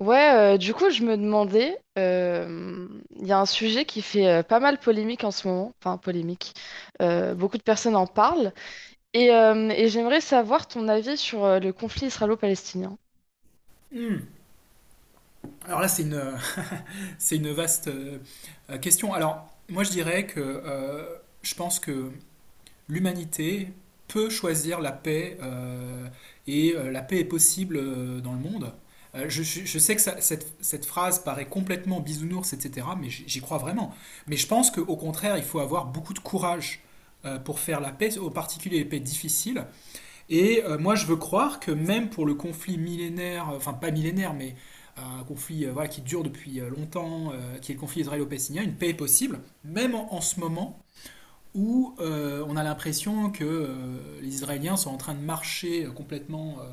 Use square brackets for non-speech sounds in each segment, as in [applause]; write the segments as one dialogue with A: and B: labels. A: Ouais, du coup, je me demandais, il y a un sujet qui fait pas mal polémique en ce moment, enfin polémique, beaucoup de personnes en parlent, et j'aimerais savoir ton avis sur le conflit israélo-palestinien.
B: Hmm. Alors là, c'est une, [laughs] c'est une vaste question. Alors, moi, je dirais que je pense que l'humanité peut choisir la paix et la paix est possible dans le monde. Je sais que cette phrase paraît complètement bisounours, etc., mais j'y crois vraiment. Mais je pense qu'au contraire, il faut avoir beaucoup de courage pour faire la paix, en particulier les paix difficiles, et moi, je veux croire que même pour le conflit millénaire, enfin pas millénaire, mais un conflit voilà, qui dure depuis longtemps, qui est le conflit israélo-palestinien, une paix est possible, même en ce moment, où on a l'impression que les Israéliens sont en train de marcher complètement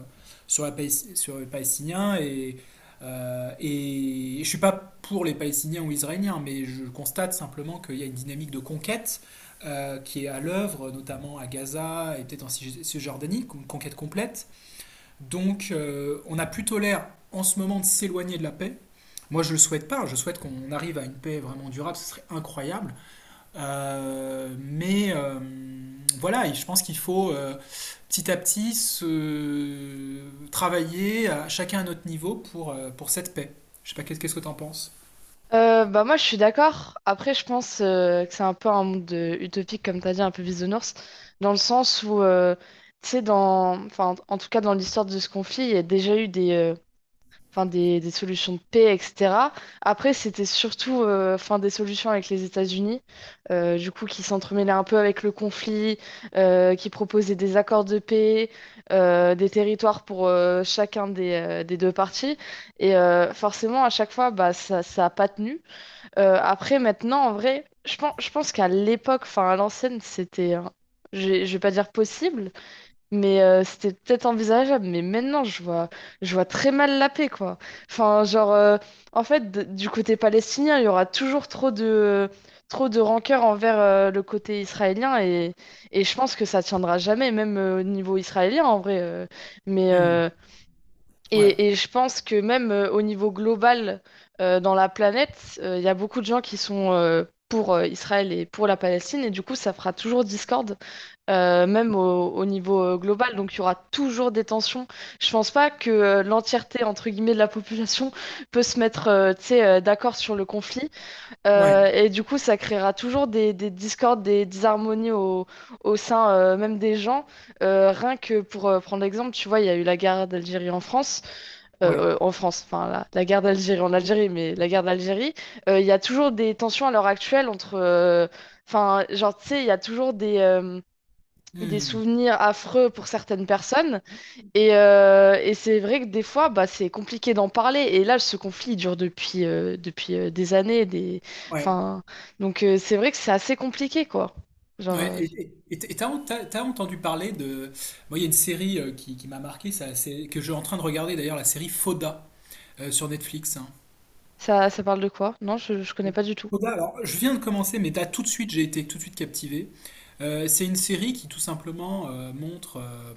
B: sur, la sur les Palestiniens. Et je ne suis pas pour les Palestiniens ou Israéliens, mais je constate simplement qu'il y a une dynamique de conquête qui est à l'œuvre, notamment à Gaza et peut-être en Cisjordanie, une conquête complète. Donc on a plutôt l'air en ce moment de s'éloigner de la paix. Moi, je ne le souhaite pas. Je souhaite qu'on arrive à une paix vraiment durable. Ce serait incroyable. Euh, mais euh, voilà, et je pense qu'il faut petit à petit se travailler à chacun à notre niveau pour cette paix. Je sais pas, qu'est-ce que t'en penses?
A: Bah moi, je suis d'accord. Après, je pense que c'est un peu un monde utopique, comme t'as dit, un peu bisounours, dans le sens où, tu sais, dans, enfin, en tout cas dans l'histoire de ce conflit, il y a déjà eu des solutions de paix, etc. Après, c'était surtout enfin, des solutions avec les États-Unis, du coup, qui s'entremêlaient un peu avec le conflit, qui proposaient des accords de paix, des territoires pour chacun des deux parties. Et forcément, à chaque fois, bah, ça a pas tenu. Après, maintenant, en vrai, je pense qu'à l'époque, enfin à l'ancienne, c'était. Je vais pas dire possible, mais c'était peut-être envisageable, mais maintenant je vois très mal la paix, quoi. Enfin, genre, en fait, du côté palestinien, il y aura toujours trop de rancœur envers le côté israélien, et je pense que ça tiendra jamais, même au niveau israélien, en vrai. Mais,
B: Hmm.
A: euh,
B: Ouais,
A: et je pense que même au niveau global, dans la planète, il y a beaucoup de gens qui sont pour Israël et pour la Palestine, et du coup, ça fera toujours discorde même au niveau global. Donc il y aura toujours des tensions. Je pense pas que l'entièreté, entre guillemets, de la population [laughs] peut se mettre tu sais, d'accord sur le conflit.
B: ouais,
A: Et du coup, ça créera toujours des discordes, des disharmonies au sein même des gens. Rien que pour prendre l'exemple, tu vois, il y a eu la guerre d'Algérie en France.
B: ouais.
A: En France, enfin la guerre d'Algérie en Algérie, mais la guerre d'Algérie. Il y a toujours des tensions à l'heure actuelle entre. Enfin, genre, tu sais, il y a toujours des
B: Hmm.
A: souvenirs affreux pour certaines personnes. Et c'est vrai que des fois, bah, c'est compliqué d'en parler. Et là, ce conflit il dure depuis des années. Des.
B: Ouais.
A: Enfin, donc c'est vrai que c'est assez compliqué, quoi. Genre,
B: Ouais. Et et t'as entendu parler de... Moi, il y a une série qui m'a marqué, ça, c'est, que je suis en train de regarder d'ailleurs, la série Fauda sur Netflix, hein.
A: ça, ça parle de quoi? Non, je connais pas du tout.
B: Koda, alors je viens de commencer, mais là tout de suite j'ai été tout de suite captivé. C'est une série qui tout simplement montre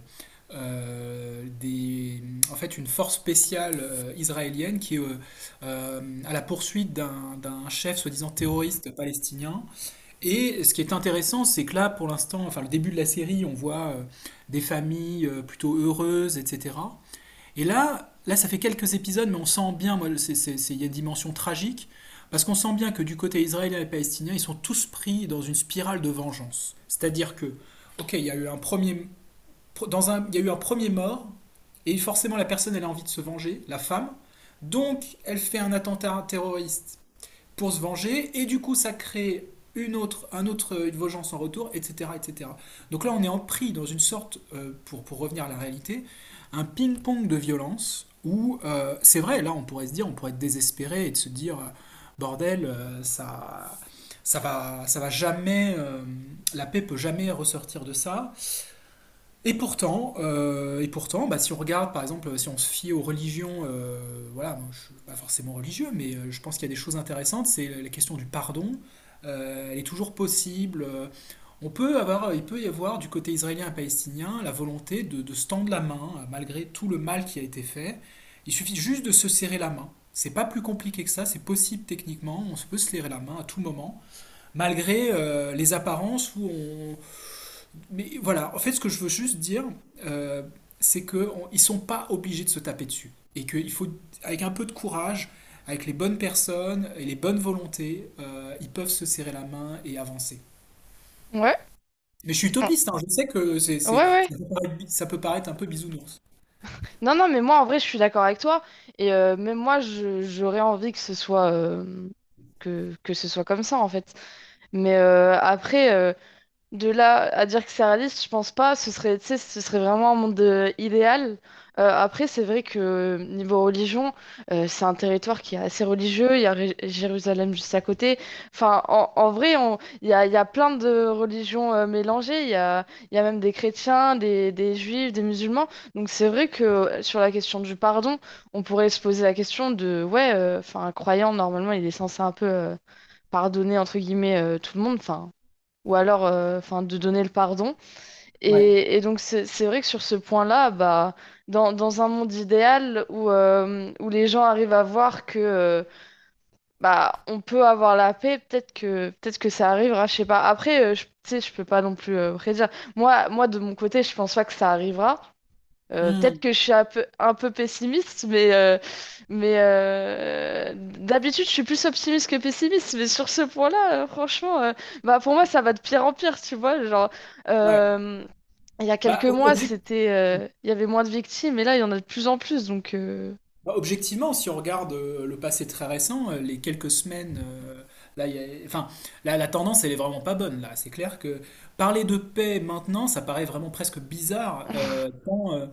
B: euh, des, en fait une force spéciale israélienne qui est à la poursuite d'un chef soi-disant terroriste palestinien. Et ce qui est intéressant, c'est que là pour l'instant, enfin le début de la série, on voit des familles plutôt heureuses, etc. Et là, ça fait quelques épisodes, mais on sent bien, moi, il y a une dimension tragique, parce qu'on sent bien que du côté israélien et palestinien, ils sont tous pris dans une spirale de vengeance. C'est-à-dire que, ok, il y a eu un premier, dans un, il y a eu un premier mort, et forcément la personne, elle a envie de se venger, la femme, donc elle fait un attentat terroriste pour se venger, et du coup ça crée une autre, un autre, une vengeance en retour, etc., etc. Donc là on est pris dans une sorte, pour revenir à la réalité, un ping-pong de violence où c'est vrai, là on pourrait se dire, on pourrait être désespéré et de se dire, bordel, ça, ça va jamais, la paix peut jamais ressortir de ça, et pourtant bah, si on regarde, par exemple, si on se fie aux religions, voilà, moi, je suis pas forcément religieux, mais je pense qu'il y a des choses intéressantes. C'est la question du pardon. Elle est toujours possible. On peut avoir, il peut y avoir du côté israélien et palestinien la volonté de se tendre la main malgré tout le mal qui a été fait. Il suffit juste de se serrer la main. C'est pas plus compliqué que ça, c'est possible techniquement. On se peut se serrer la main à tout moment, malgré les apparences où on, mais voilà, en fait, ce que je veux juste dire, euh, c'est qu'ils ne sont pas obligés de se taper dessus. Et qu'il faut, avec un peu de courage, avec les bonnes personnes et les bonnes volontés, ils peuvent se serrer la main et avancer.
A: Ouais.
B: Mais je suis
A: Ah.
B: utopiste, hein, je sais que
A: Ouais,
B: c'est-
A: ouais.
B: ça peut paraître un peu bisounours.
A: Non, non, mais moi, en vrai, je suis d'accord avec toi. Et même moi, j'aurais envie que ce soit. Que ce soit comme ça en fait. Mais après, de là à dire que c'est réaliste, je pense pas. Ce serait, tu sais, ce serait vraiment un monde idéal. Après, c'est vrai que niveau religion, c'est un territoire qui est assez religieux. Il y a Jérusalem juste à côté. Enfin, en vrai, il y a plein de religions mélangées. Il y a même des chrétiens, des juifs, des musulmans. Donc, c'est vrai que sur la question du pardon, on pourrait se poser la question de, ouais, enfin, un croyant, normalement, il est censé un peu pardonner, entre guillemets, tout le monde. Enfin, ou alors enfin de donner le pardon.
B: Ouais.
A: Et donc c'est vrai que sur ce point-là, bah, dans un monde idéal où, où les gens arrivent à voir que bah, on peut avoir la paix, peut-être que ça arrivera, je sais pas. Après, tu sais, je peux pas non plus prédire. Moi, de mon côté, je pense pas que ça arrivera. Peut-être
B: Hmm,
A: que je suis un peu pessimiste, mais d'habitude, je suis plus optimiste que pessimiste. Mais sur ce point-là, franchement, bah, pour moi, ça va de pire en pire, tu vois. Genre,
B: ouais.
A: euh, il y a quelques
B: Bah,
A: mois, il y avait moins de victimes, et là, il y en a de plus en plus. Donc.
B: Bah, objectivement, si on regarde le passé très récent, les quelques semaines, là, il y a- enfin, là, la tendance, elle est vraiment pas bonne. Là, c'est clair que parler de paix maintenant, ça paraît vraiment presque bizarre,
A: [laughs]
B: tant, euh,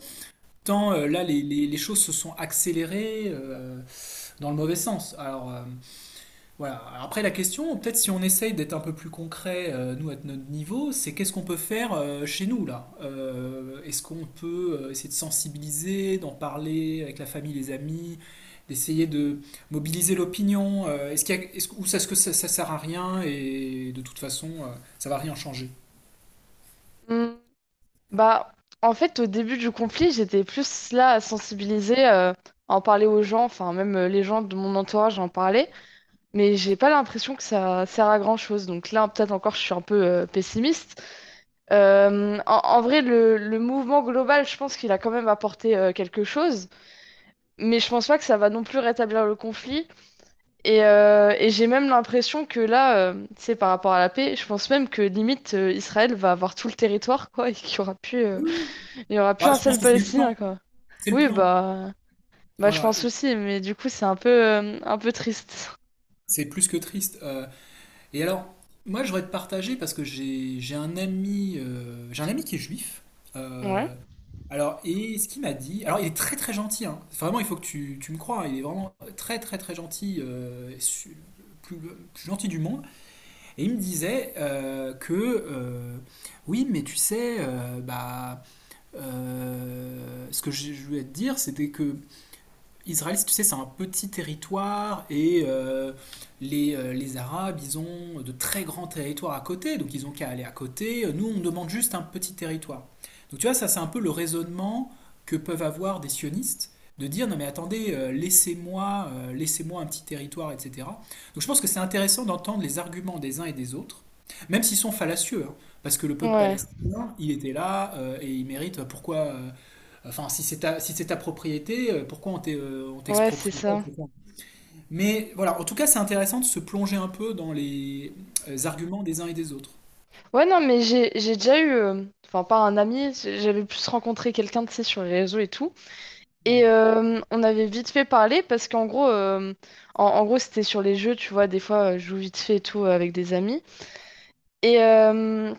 B: tant, euh, là, les choses se sont accélérées dans le mauvais sens. Voilà. Alors après, la question, peut-être si on essaye d'être un peu plus concret, nous, à notre niveau, c'est qu'est-ce qu'on peut faire chez nous, là? Est-ce qu'on peut essayer de sensibiliser, d'en parler avec la famille, les amis, d'essayer de mobiliser l'opinion? Est-ce qu'il y a- est-ce- ou est-ce que ça sert à rien et de toute façon, ça va rien changer?
A: Hmm, Bah, en fait, au début du conflit, j'étais plus là à sensibiliser, à en parler aux gens, enfin, même les gens de mon entourage en parlaient. Mais j'ai pas l'impression que ça sert à grand-chose. Donc là, peut-être encore, je suis un peu pessimiste. En vrai, le mouvement global, je pense qu'il a quand même apporté quelque chose, mais je pense pas que ça va non plus rétablir le conflit. Et j'ai même l'impression que là, tu sais, par rapport à la paix, je pense même que limite Israël va avoir tout le territoire, quoi, et qu'il y aura plus,
B: Oui, oui.
A: il y aura plus
B: Bah,
A: un
B: je pense
A: seul
B: que c'est le
A: Palestinien,
B: plan.
A: quoi.
B: C'est le
A: Oui,
B: plan.
A: bah, je
B: Voilà.
A: pense
B: Et
A: aussi, mais du coup, c'est un peu triste.
B: c'est plus que triste. Et alors, moi, je voudrais te partager parce que j'ai un ami qui est juif.
A: Ouais.
B: euh, alors, et ce qu'il m'a dit, alors il est très très gentil, hein. Vraiment, il faut que tu me crois, hein, il est vraiment très très très gentil, plus, le plus gentil du monde. Et il me disait oui, mais tu sais, bah, ce que je voulais te dire, c'était que Israël, si tu sais, c'est un petit territoire et les Arabes, ils ont de très grands territoires à côté, donc ils ont qu'à aller à côté. Nous, on demande juste un petit territoire. Donc tu vois, ça, c'est un peu le raisonnement que peuvent avoir des sionistes, de dire non mais attendez, laissez-moi, laissez-moi un petit territoire, etc. Donc je pense que c'est intéressant d'entendre les arguments des uns et des autres, même s'ils sont fallacieux, hein, parce que le peuple
A: Ouais,
B: palestinien, il était là et il mérite pourquoi, enfin, si si c'est ta propriété, pourquoi on
A: ouais, c'est
B: t'exproprie pas,
A: ça.
B: etc. Mais voilà, en tout cas, c'est intéressant de se plonger un peu dans les arguments des uns et des autres.
A: Ouais, non, mais j'ai déjà eu, enfin pas un ami, j'avais plus rencontré quelqu'un, tu sais, sur les réseaux et tout. Et
B: Ouais.
A: on avait vite fait parler parce qu'en gros, c'était sur les jeux, tu vois, des fois, je joue vite fait et tout avec des amis. Et, euh,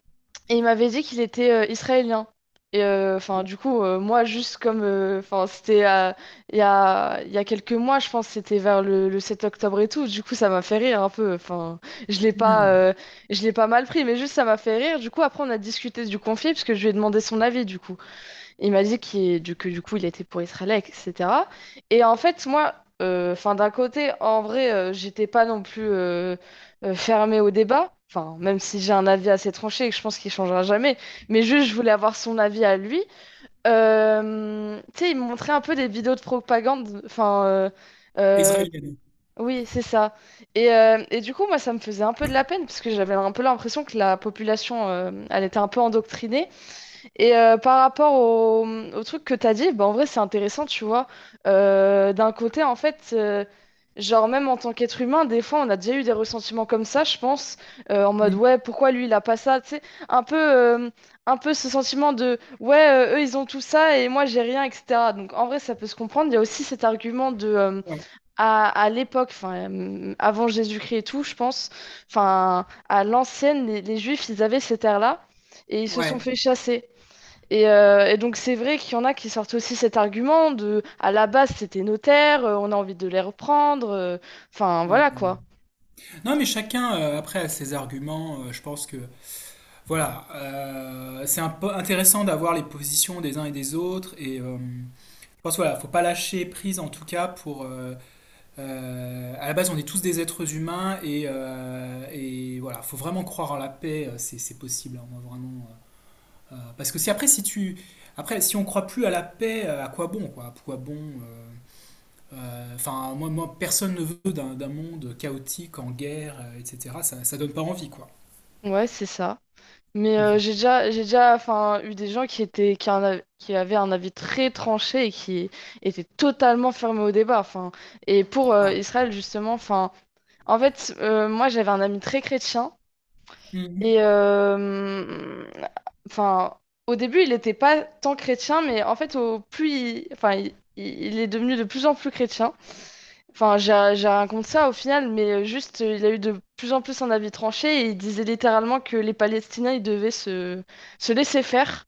A: et il m'avait dit qu'il était israélien. Et enfin, du coup, moi, juste comme. Enfin, c'était il y a quelques mois, je pense, c'était vers le 7 octobre et tout. Du coup, ça m'a fait rire un peu. Enfin, je l'ai pas,
B: Hmm.
A: euh, je l'ai pas mal pris, mais juste ça m'a fait rire. Du coup, après, on a discuté du conflit, parce que je lui ai demandé son avis, du coup. Il m'a dit que du coup, il était pour Israël, etc. Et en fait, moi, enfin, d'un côté, en vrai, j'étais pas non plus fermée au débat. Enfin, même si j'ai un avis assez tranché et que je pense qu'il changera jamais. Mais juste, je voulais avoir son avis à lui. Tu sais, il me montrait un peu des vidéos de propagande. Enfin, euh,
B: Israélienne.
A: oui, c'est ça. Et du coup, moi, ça me faisait un peu de la peine parce que j'avais un peu l'impression que la population, elle était un peu endoctrinée, et par rapport au truc que t'as dit, bah, en vrai, c'est intéressant, tu vois. D'un côté, en fait, genre, même en tant qu'être humain, des fois, on a déjà eu des ressentiments comme ça, je pense, en mode,
B: Hmm.
A: ouais, pourquoi lui, il a pas ça, tu sais, un peu, euh, un peu ce sentiment de, ouais, eux, ils ont tout ça et moi, j'ai rien, etc. Donc, en vrai, ça peut se comprendre. Il y a aussi cet argument de,
B: Ouais.
A: à l'époque, enfin, avant Jésus-Christ et tout, je pense, enfin, à l'ancienne, les Juifs, ils avaient cette ère-là et ils se sont
B: Ouais.
A: fait chasser. Et donc c'est vrai qu'il y en a qui sortent aussi cet argument de à la base c'était nos terres, on a envie de les reprendre, enfin
B: Ouais.
A: voilà quoi.
B: Non, mais chacun, après, a ses arguments. Je pense que, voilà, c'est un peu intéressant d'avoir les positions des uns et des autres. Et je pense, voilà, faut pas lâcher prise, en tout cas, pour, à la base, on est tous des êtres humains et voilà, faut vraiment croire en la paix, c'est possible, hein, moi, vraiment. Parce que si après, si tu, après, si on croit plus à la paix, à quoi bon, quoi, à quoi bon euh, enfin, moi, moi, personne ne veut d'un monde chaotique, en guerre, etc. Ça donne pas envie, quoi.
A: Ouais, c'est ça. Mais j'ai
B: [laughs]
A: déjà j'ai déjà enfin eu des gens qui étaient qui, en av- qui avaient un avis très tranché et qui étaient totalement fermés au débat. Enfin et pour
B: Ah,
A: Israël justement, enfin en fait moi j'avais un ami très chrétien. Et
B: mhm.
A: enfin, au début, il n'était pas tant chrétien, mais en fait, au plus il, enfin, il est devenu de plus en plus chrétien. Enfin, j'ai raconté ça au final, mais juste, il a eu de plus en plus un avis tranché et il disait littéralement que les Palestiniens, ils devaient se laisser faire.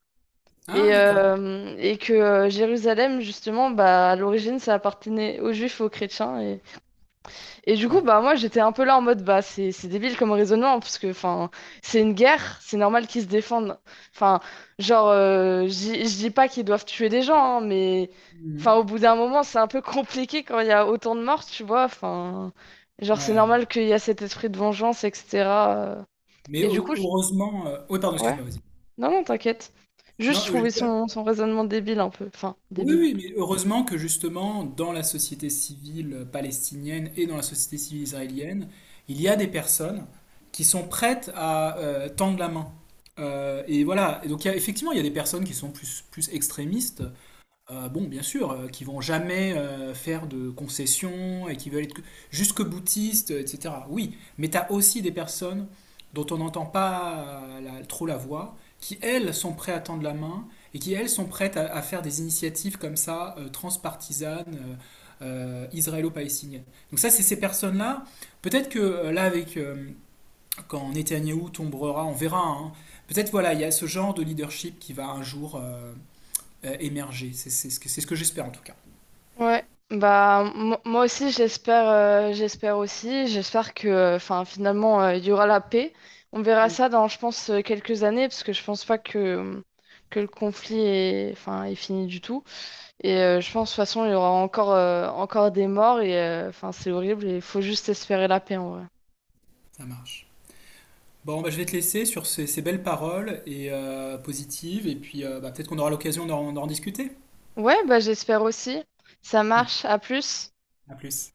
B: Ah,
A: Et,
B: d'accord.
A: euh, et que Jérusalem, justement, bah, à l'origine, ça appartenait aux Juifs et aux chrétiens. Et du coup,
B: Super.
A: bah, moi, j'étais un peu là en mode, bah, c'est débile comme raisonnement, parce que, enfin, c'est une guerre, c'est normal qu'ils se défendent. Enfin, genre, je dis pas qu'ils doivent tuer des gens, hein, mais, enfin,
B: Mhm.
A: au bout d'un moment, c'est un peu compliqué quand il y a autant de morts, tu vois. Enfin, genre, c'est
B: Ouais.
A: normal qu'il y a cet esprit de vengeance, etc. euh.
B: Mais
A: Et du coup,
B: heureusement, oui, pardon,
A: ouais,
B: excuse-moi, vas-y.
A: non, non, t'inquiète. Juste,
B: Non,
A: je trouvais son raisonnement débile un peu. Enfin,
B: oui,
A: débile.
B: oui, mais heureusement que justement, dans la société civile palestinienne et dans la société civile israélienne, il y a des personnes qui sont prêtes à tendre la main. Et voilà, et donc il y a- effectivement, il y a des personnes qui sont plus, plus extrémistes, bon, bien sûr, qui vont jamais faire de concessions et qui veulent être que- jusque boutistes, etc. Oui, mais tu as aussi des personnes dont on n'entend pas la- trop la voix, qui elles sont prêtes à tendre la main et qui elles sont prêtes à faire des initiatives comme ça, transpartisanes, israélo-palestiniennes. Donc ça, c'est ces personnes-là. Peut-être que là, avec quand Netanyahou tombera, on verra, hein. Peut-être voilà, il y a ce genre de leadership qui va un jour émerger. C'est ce que j'espère en tout cas.
A: Ouais, bah moi aussi j'espère que enfin finalement il y aura la paix. On verra ça dans je pense quelques années parce que je pense pas que le conflit est enfin est fini du tout et je pense de toute façon il y aura encore des morts et enfin c'est horrible et il faut juste espérer la paix en vrai.
B: Ça marche. Bon, bah, je vais te laisser sur ces, ces belles paroles et positives, et puis bah, peut-être qu'on aura l'occasion d'en discuter.
A: Ouais, bah j'espère aussi. Ça marche, à plus.
B: À plus.